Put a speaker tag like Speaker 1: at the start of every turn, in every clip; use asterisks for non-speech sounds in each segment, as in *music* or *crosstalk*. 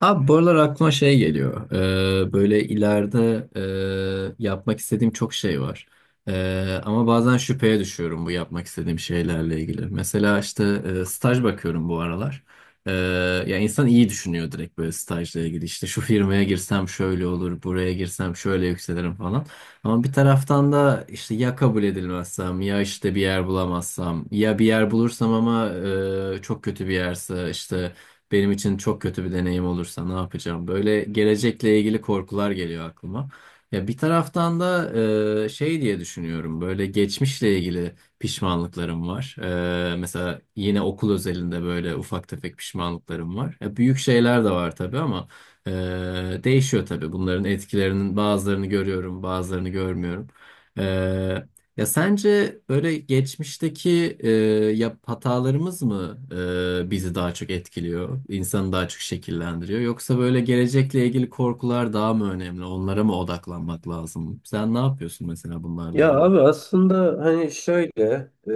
Speaker 1: Abi bu aralar aklıma şey geliyor. Böyle ileride yapmak istediğim çok şey var. Ama bazen şüpheye düşüyorum bu yapmak istediğim şeylerle ilgili. Mesela işte staj bakıyorum bu aralar. Ee, ya insan iyi düşünüyor direkt böyle stajla ilgili. İşte şu firmaya girsem şöyle olur, buraya girsem şöyle yükselirim falan. Ama bir taraftan da işte ya kabul edilmezsem, ya işte bir yer bulamazsam, ya bir yer bulursam ama çok kötü bir yerse işte benim için çok kötü bir deneyim olursa ne yapacağım? Böyle gelecekle ilgili korkular geliyor aklıma. Ya bir taraftan da şey diye düşünüyorum. Böyle geçmişle ilgili pişmanlıklarım var. Mesela yine okul özelinde böyle ufak tefek pişmanlıklarım var. Ya büyük şeyler de var tabii ama e, değişiyor tabii. Bunların etkilerinin bazılarını görüyorum, bazılarını görmüyorum. Ya sence böyle geçmişteki hatalarımız mı bizi daha çok etkiliyor, insanı daha çok şekillendiriyor? Yoksa böyle gelecekle ilgili korkular daha mı önemli? Onlara mı odaklanmak lazım? Sen ne yapıyorsun mesela bunlarla
Speaker 2: Ya
Speaker 1: ilgili?
Speaker 2: abi aslında hani şöyle e,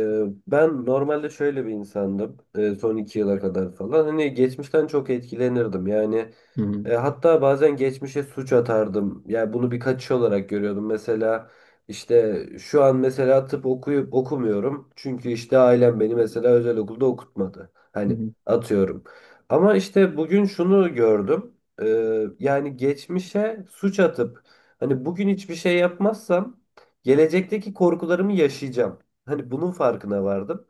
Speaker 2: ben normalde şöyle bir insandım son iki yıla kadar falan hani geçmişten çok etkilenirdim yani
Speaker 1: Hı hı,
Speaker 2: hatta bazen geçmişe suç atardım yani bunu bir kaçış olarak görüyordum mesela işte şu an mesela tıp okuyup okumuyorum çünkü işte ailem beni mesela özel okulda okutmadı
Speaker 1: hı
Speaker 2: hani
Speaker 1: hı,
Speaker 2: atıyorum ama işte bugün şunu gördüm. E, Yani geçmişe suç atıp hani bugün hiçbir şey yapmazsam gelecekteki korkularımı yaşayacağım. Hani bunun farkına vardım.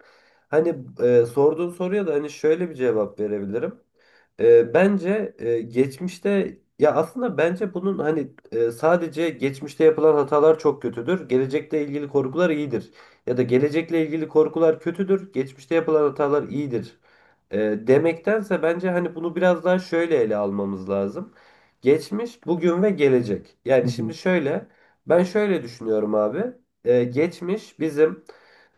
Speaker 2: Hani sorduğun soruya da hani şöyle bir cevap verebilirim. Bence geçmişte ya aslında bence bunun hani sadece geçmişte yapılan hatalar çok kötüdür. Gelecekle ilgili korkular iyidir. Ya da gelecekle ilgili korkular kötüdür. Geçmişte yapılan hatalar iyidir. E, demektense bence hani bunu biraz daha şöyle ele almamız lazım. Geçmiş, bugün ve gelecek.
Speaker 1: hı
Speaker 2: Yani
Speaker 1: hı,
Speaker 2: şimdi şöyle. Ben şöyle düşünüyorum abi. Geçmiş bizim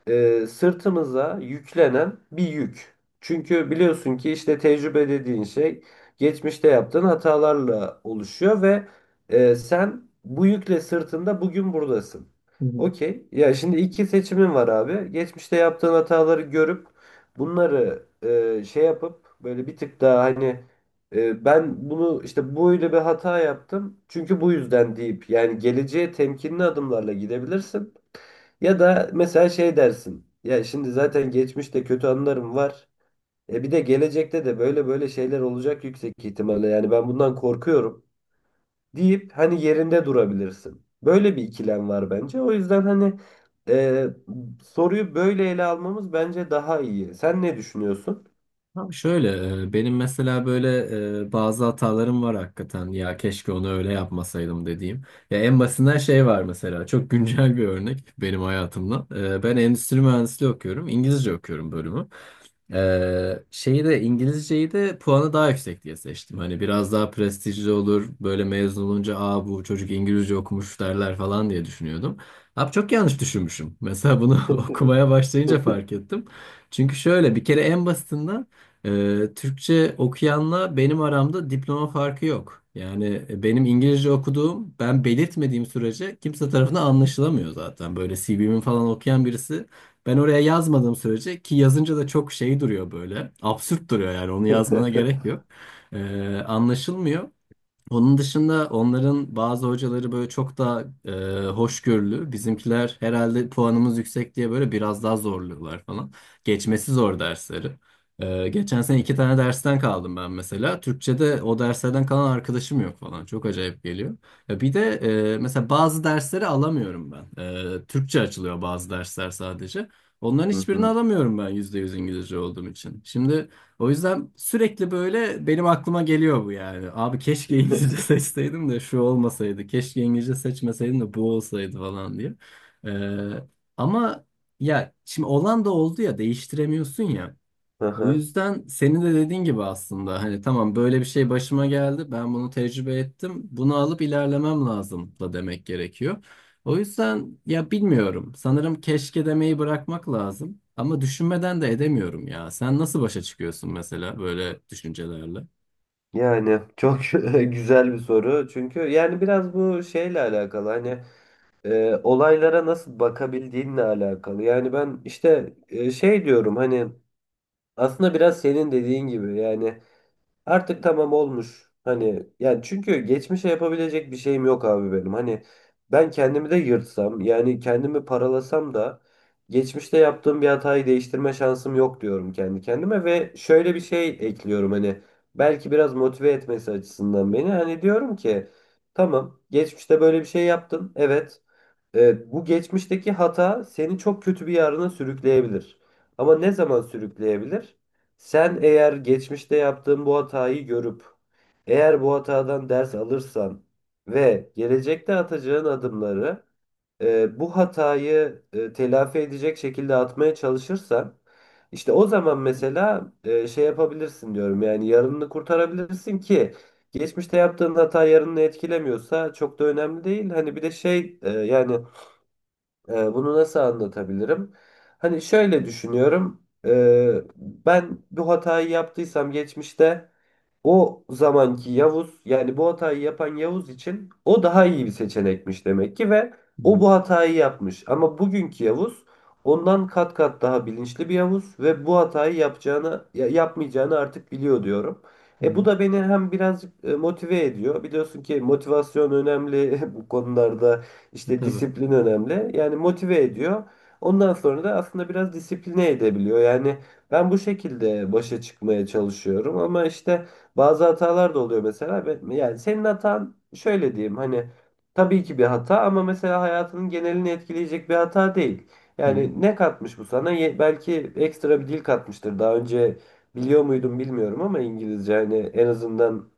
Speaker 2: sırtımıza yüklenen bir yük. Çünkü biliyorsun ki işte tecrübe dediğin şey geçmişte yaptığın hatalarla oluşuyor ve sen bu yükle sırtında bugün buradasın.
Speaker 1: hı hı.
Speaker 2: Okey. Ya şimdi iki seçimin var abi. Geçmişte yaptığın hataları görüp bunları şey yapıp böyle bir tık daha hani ben bunu işte böyle bir hata yaptım. Çünkü bu yüzden deyip yani geleceğe temkinli adımlarla gidebilirsin. Ya da mesela şey dersin. Ya şimdi zaten geçmişte kötü anılarım var. E bir de gelecekte de böyle böyle şeyler olacak yüksek ihtimalle. Yani ben bundan korkuyorum deyip hani yerinde durabilirsin. Böyle bir ikilem var bence. O yüzden hani e, soruyu böyle ele almamız bence daha iyi. Sen ne düşünüyorsun?
Speaker 1: Abi şöyle benim mesela böyle bazı hatalarım var hakikaten ya keşke onu öyle yapmasaydım dediğim. Ya en basitinden şey var mesela çok güncel bir örnek benim hayatımdan. Ben endüstri mühendisliği okuyorum, İngilizce okuyorum bölümü. Şeyi de İngilizceyi de puanı daha yüksek diye seçtim. Hani biraz daha prestijli olur. Böyle mezun olunca aa bu çocuk İngilizce okumuş derler falan diye düşünüyordum. Abi çok yanlış düşünmüşüm. Mesela bunu *laughs* okumaya başlayınca
Speaker 2: *laughs*
Speaker 1: fark ettim. Çünkü şöyle bir kere en basitinden Türkçe okuyanla benim aramda diploma farkı yok. Yani benim İngilizce okuduğum ben belirtmediğim sürece kimse tarafından anlaşılamıyor zaten. Böyle CV'mi falan okuyan birisi ben oraya yazmadığım sürece, ki yazınca da çok şey duruyor böyle. Absürt duruyor, yani onu yazmana gerek yok. Anlaşılmıyor. Onun dışında onların bazı hocaları böyle çok daha hoşgörülü. Bizimkiler herhalde puanımız yüksek diye böyle biraz daha zorluyorlar falan. Geçmesi zor dersleri. Geçen sene iki tane dersten kaldım ben mesela. Türkçe'de o derslerden kalan arkadaşım yok falan. Çok acayip geliyor. Ya bir de mesela bazı dersleri alamıyorum ben. Türkçe açılıyor bazı dersler sadece. Onların
Speaker 2: Hı
Speaker 1: hiçbirini
Speaker 2: hı.
Speaker 1: alamıyorum ben %100 İngilizce olduğum için. Şimdi o yüzden sürekli böyle benim aklıma geliyor bu, yani abi keşke İngilizce *laughs* seçseydim de şu olmasaydı. Keşke İngilizce seçmeseydim de bu olsaydı falan diye. Ee, ama ya şimdi olan da oldu ya, değiştiremiyorsun ya. O
Speaker 2: Aha.
Speaker 1: yüzden senin de dediğin gibi aslında hani tamam böyle bir şey başıma geldi, ben bunu tecrübe ettim, bunu alıp ilerlemem lazım da demek gerekiyor. O yüzden ya bilmiyorum, sanırım keşke demeyi bırakmak lazım ama düşünmeden de edemiyorum ya. Sen nasıl başa çıkıyorsun mesela böyle düşüncelerle? Hı
Speaker 2: Yani çok *laughs* güzel bir soru. Çünkü yani biraz bu şeyle alakalı. Hani olaylara nasıl bakabildiğinle alakalı. Yani ben işte şey diyorum hani aslında biraz senin dediğin gibi yani artık tamam olmuş. Hani yani çünkü geçmişe yapabilecek bir şeyim yok abi benim. Hani ben kendimi de yırtsam yani kendimi paralasam da geçmişte yaptığım bir hatayı değiştirme şansım yok diyorum kendi kendime ve şöyle bir şey ekliyorum hani belki biraz motive etmesi açısından beni hani diyorum ki tamam geçmişte böyle bir şey yaptın, evet. Evet, bu geçmişteki hata seni çok kötü bir yarına sürükleyebilir. Ama ne zaman sürükleyebilir? Sen eğer geçmişte yaptığın bu hatayı görüp, eğer bu hatadan ders alırsan ve gelecekte atacağın adımları bu hatayı telafi edecek şekilde atmaya çalışırsan, işte o zaman mesela şey yapabilirsin diyorum. Yani yarınını kurtarabilirsin ki. Geçmişte yaptığın hata yarını etkilemiyorsa çok da önemli değil. Hani bir de şey bunu nasıl anlatabilirim? Hani şöyle düşünüyorum. Ben bu hatayı yaptıysam geçmişte o zamanki Yavuz yani bu hatayı yapan Yavuz için o daha iyi bir seçenekmiş demek ki ve o bu hatayı yapmış. Ama bugünkü Yavuz ondan kat kat daha bilinçli bir Yavuz ve bu hatayı yapacağını yapmayacağını artık biliyor diyorum. E bu
Speaker 1: hı.
Speaker 2: da beni hem birazcık motive ediyor. Biliyorsun ki motivasyon önemli, *laughs* bu konularda
Speaker 1: E,
Speaker 2: işte
Speaker 1: tabii.
Speaker 2: disiplin önemli. Yani motive ediyor. Ondan sonra da aslında biraz disipline edebiliyor. Yani ben bu şekilde başa çıkmaya çalışıyorum ama işte bazı hatalar da oluyor mesela. Yani senin hatan şöyle diyeyim hani tabii ki bir hata ama mesela hayatının genelini etkileyecek bir hata değil.
Speaker 1: Hı hı.
Speaker 2: Yani ne katmış bu sana? Belki ekstra bir dil katmıştır. Daha önce biliyor muydum bilmiyorum ama İngilizce hani en azından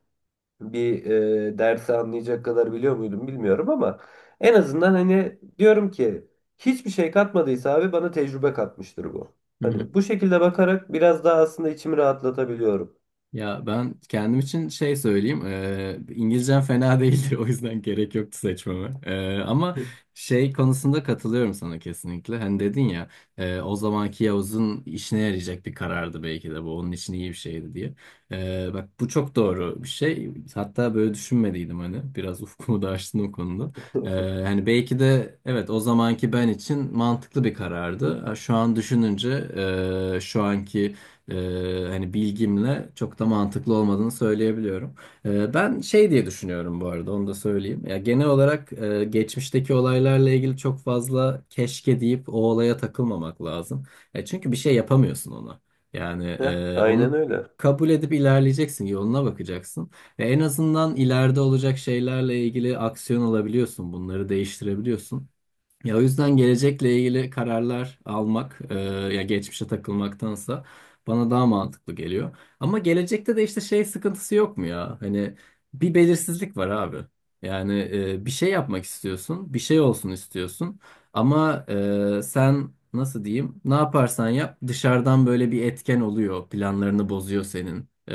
Speaker 2: bir dersi anlayacak kadar biliyor muydum bilmiyorum ama en azından hani diyorum ki hiçbir şey katmadıysa abi bana tecrübe katmıştır bu.
Speaker 1: Hı hı.
Speaker 2: Hani bu şekilde bakarak biraz daha aslında içimi rahatlatabiliyorum.
Speaker 1: Ya ben kendim için şey söyleyeyim. İngilizcem fena değildi. *laughs* O yüzden gerek yoktu seçmeme. Ama şey konusunda katılıyorum sana kesinlikle. Hani dedin ya, o zamanki Yavuz'un işine yarayacak bir karardı belki de bu. Onun için iyi bir şeydi diye. Bak bu çok doğru bir şey. Hatta böyle düşünmediydim hani. Biraz *laughs* ufkumu da açtın o konuda. Eee,
Speaker 2: *laughs*
Speaker 1: hani belki de evet o zamanki ben için mantıklı bir karardı. Ha, şu an düşününce şu anki hani bilgimle çok da mantıklı olmadığını söyleyebiliyorum. Ben şey diye düşünüyorum bu arada, onu da söyleyeyim. Ya genel olarak geçmişteki olaylarla ilgili çok fazla keşke deyip o olaya takılmamak lazım. Çünkü bir şey yapamıyorsun ona. Yani
Speaker 2: Heh, aynen
Speaker 1: onu
Speaker 2: öyle.
Speaker 1: kabul edip ilerleyeceksin, yoluna bakacaksın. Ve en azından ileride olacak şeylerle ilgili aksiyon alabiliyorsun, bunları değiştirebiliyorsun. Ya o yüzden gelecekle ilgili kararlar almak, ya geçmişe takılmaktansa bana daha mantıklı geliyor. Ama gelecekte de işte şey sıkıntısı yok mu ya? Hani bir belirsizlik var abi. Yani bir şey yapmak istiyorsun, bir şey olsun istiyorsun. Ama sen nasıl diyeyim? Ne yaparsan yap dışarıdan böyle bir etken oluyor, planlarını bozuyor senin. E,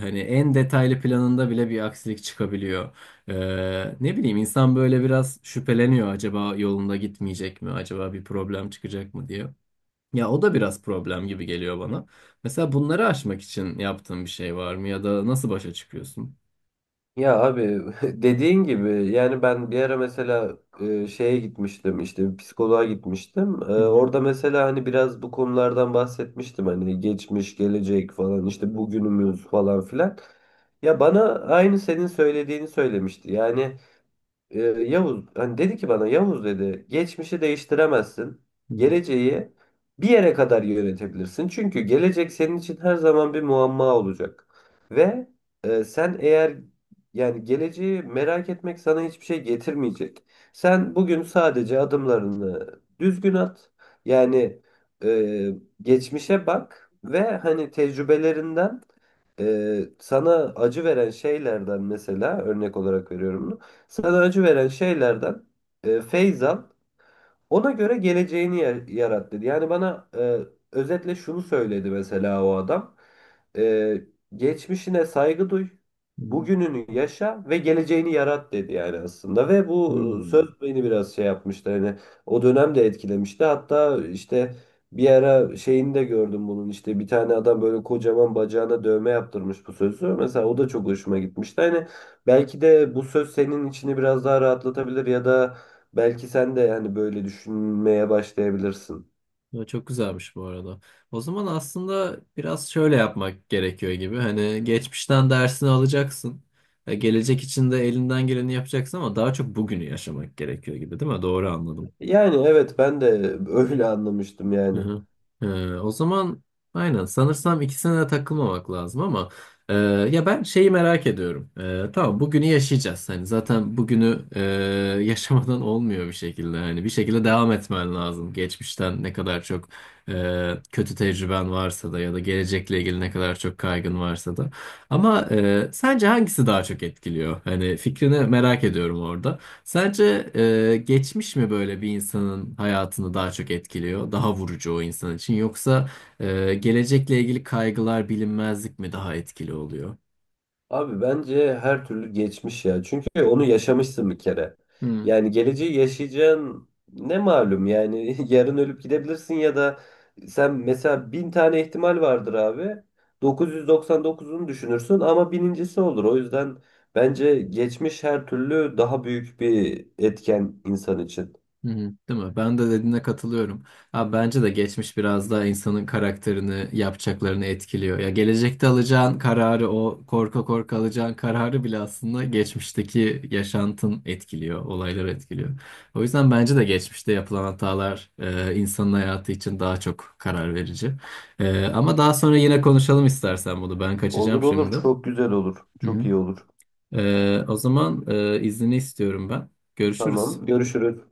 Speaker 1: hani en detaylı planında bile bir aksilik çıkabiliyor. Ne bileyim, insan böyle biraz şüpheleniyor acaba yolunda gitmeyecek mi, acaba bir problem çıkacak mı diye. Ya o da biraz problem gibi geliyor bana. Mesela bunları aşmak için yaptığın bir şey var mı ya da nasıl başa çıkıyorsun?
Speaker 2: Ya abi *laughs* dediğin gibi yani ben bir ara mesela şeye gitmiştim işte bir psikoloğa gitmiştim.
Speaker 1: Hı hı.
Speaker 2: Orada mesela hani biraz bu konulardan bahsetmiştim hani geçmiş, gelecek falan işte bugünümüz falan filan. Ya bana aynı senin söylediğini söylemişti. Yani Yavuz hani dedi ki bana, Yavuz dedi, geçmişi değiştiremezsin.
Speaker 1: Hı hı.
Speaker 2: Geleceği bir yere kadar yönetebilirsin. Çünkü gelecek senin için her zaman bir muamma olacak. Ve sen eğer yani geleceği merak etmek sana hiçbir şey getirmeyecek. Sen bugün sadece adımlarını düzgün at. Yani e, geçmişe bak ve hani tecrübelerinden sana acı veren şeylerden, mesela örnek olarak veriyorum bunu. Sana acı veren şeylerden feyz al, ona göre geleceğini yarat dedi. Yani bana özetle şunu söyledi mesela o adam. E, Geçmişine saygı duy,
Speaker 1: Hı hı.
Speaker 2: bugününü yaşa ve geleceğini yarat dedi yani aslında. Ve bu
Speaker 1: Hmm.
Speaker 2: söz beni biraz şey yapmıştı. Hani o dönem de etkilemişti. Hatta işte bir ara şeyini de gördüm bunun. İşte bir tane adam böyle kocaman bacağına dövme yaptırmış bu sözü. Mesela o da çok hoşuma gitmişti. Hani belki de bu söz senin içini biraz daha rahatlatabilir ya da belki sen de yani böyle düşünmeye başlayabilirsin.
Speaker 1: Ya çok güzelmiş bu arada. O zaman aslında biraz şöyle yapmak gerekiyor gibi. Hani geçmişten dersini alacaksın. Ya gelecek için de elinden geleni yapacaksın ama daha çok bugünü yaşamak gerekiyor gibi, değil mi? Doğru anladım.
Speaker 2: Yani evet, ben de *laughs* öyle anlamıştım
Speaker 1: Hı
Speaker 2: yani.
Speaker 1: hı. O zaman aynen, sanırsam ikisine de takılmamak lazım ama e, ya ben şeyi merak ediyorum. Tamam, bugünü yaşayacağız. Hani zaten bugünü *laughs* yaşamadan olmuyor bir şekilde. Hani bir şekilde devam etmen lazım. Geçmişten ne kadar çok kötü tecrüben varsa da ya da gelecekle ilgili ne kadar çok kaygın varsa da. Ama sence hangisi daha çok etkiliyor? Hani fikrini merak ediyorum orada. Sence geçmiş mi böyle bir insanın hayatını daha çok etkiliyor, daha vurucu o insan için, yoksa gelecekle ilgili kaygılar, bilinmezlik mi daha etkili oluyor?
Speaker 2: Abi bence her türlü geçmiş ya. Çünkü onu yaşamışsın bir kere.
Speaker 1: Hmm.
Speaker 2: Yani geleceği yaşayacağın ne malum yani *laughs* yarın ölüp gidebilirsin ya da sen mesela bin tane ihtimal vardır abi. 999'unu düşünürsün ama binincisi olur. O yüzden bence geçmiş her türlü daha büyük bir etken insan için.
Speaker 1: Hı hı, değil mi? Ben de dediğine katılıyorum. Ha, bence de geçmiş biraz daha insanın karakterini, yapacaklarını etkiliyor. Ya gelecekte alacağın kararı, o korka korka alacağın kararı bile aslında geçmişteki yaşantın etkiliyor, olaylar etkiliyor. O yüzden bence de geçmişte yapılan hatalar insanın hayatı için daha çok karar verici. Ama daha sonra yine konuşalım istersen bunu. Ben kaçacağım
Speaker 2: Olur olur,
Speaker 1: şimdi.
Speaker 2: çok güzel olur.
Speaker 1: Hı
Speaker 2: Çok
Speaker 1: hı.
Speaker 2: iyi olur.
Speaker 1: O zaman iznini istiyorum ben. Görüşürüz.
Speaker 2: Tamam. Görüşürüz.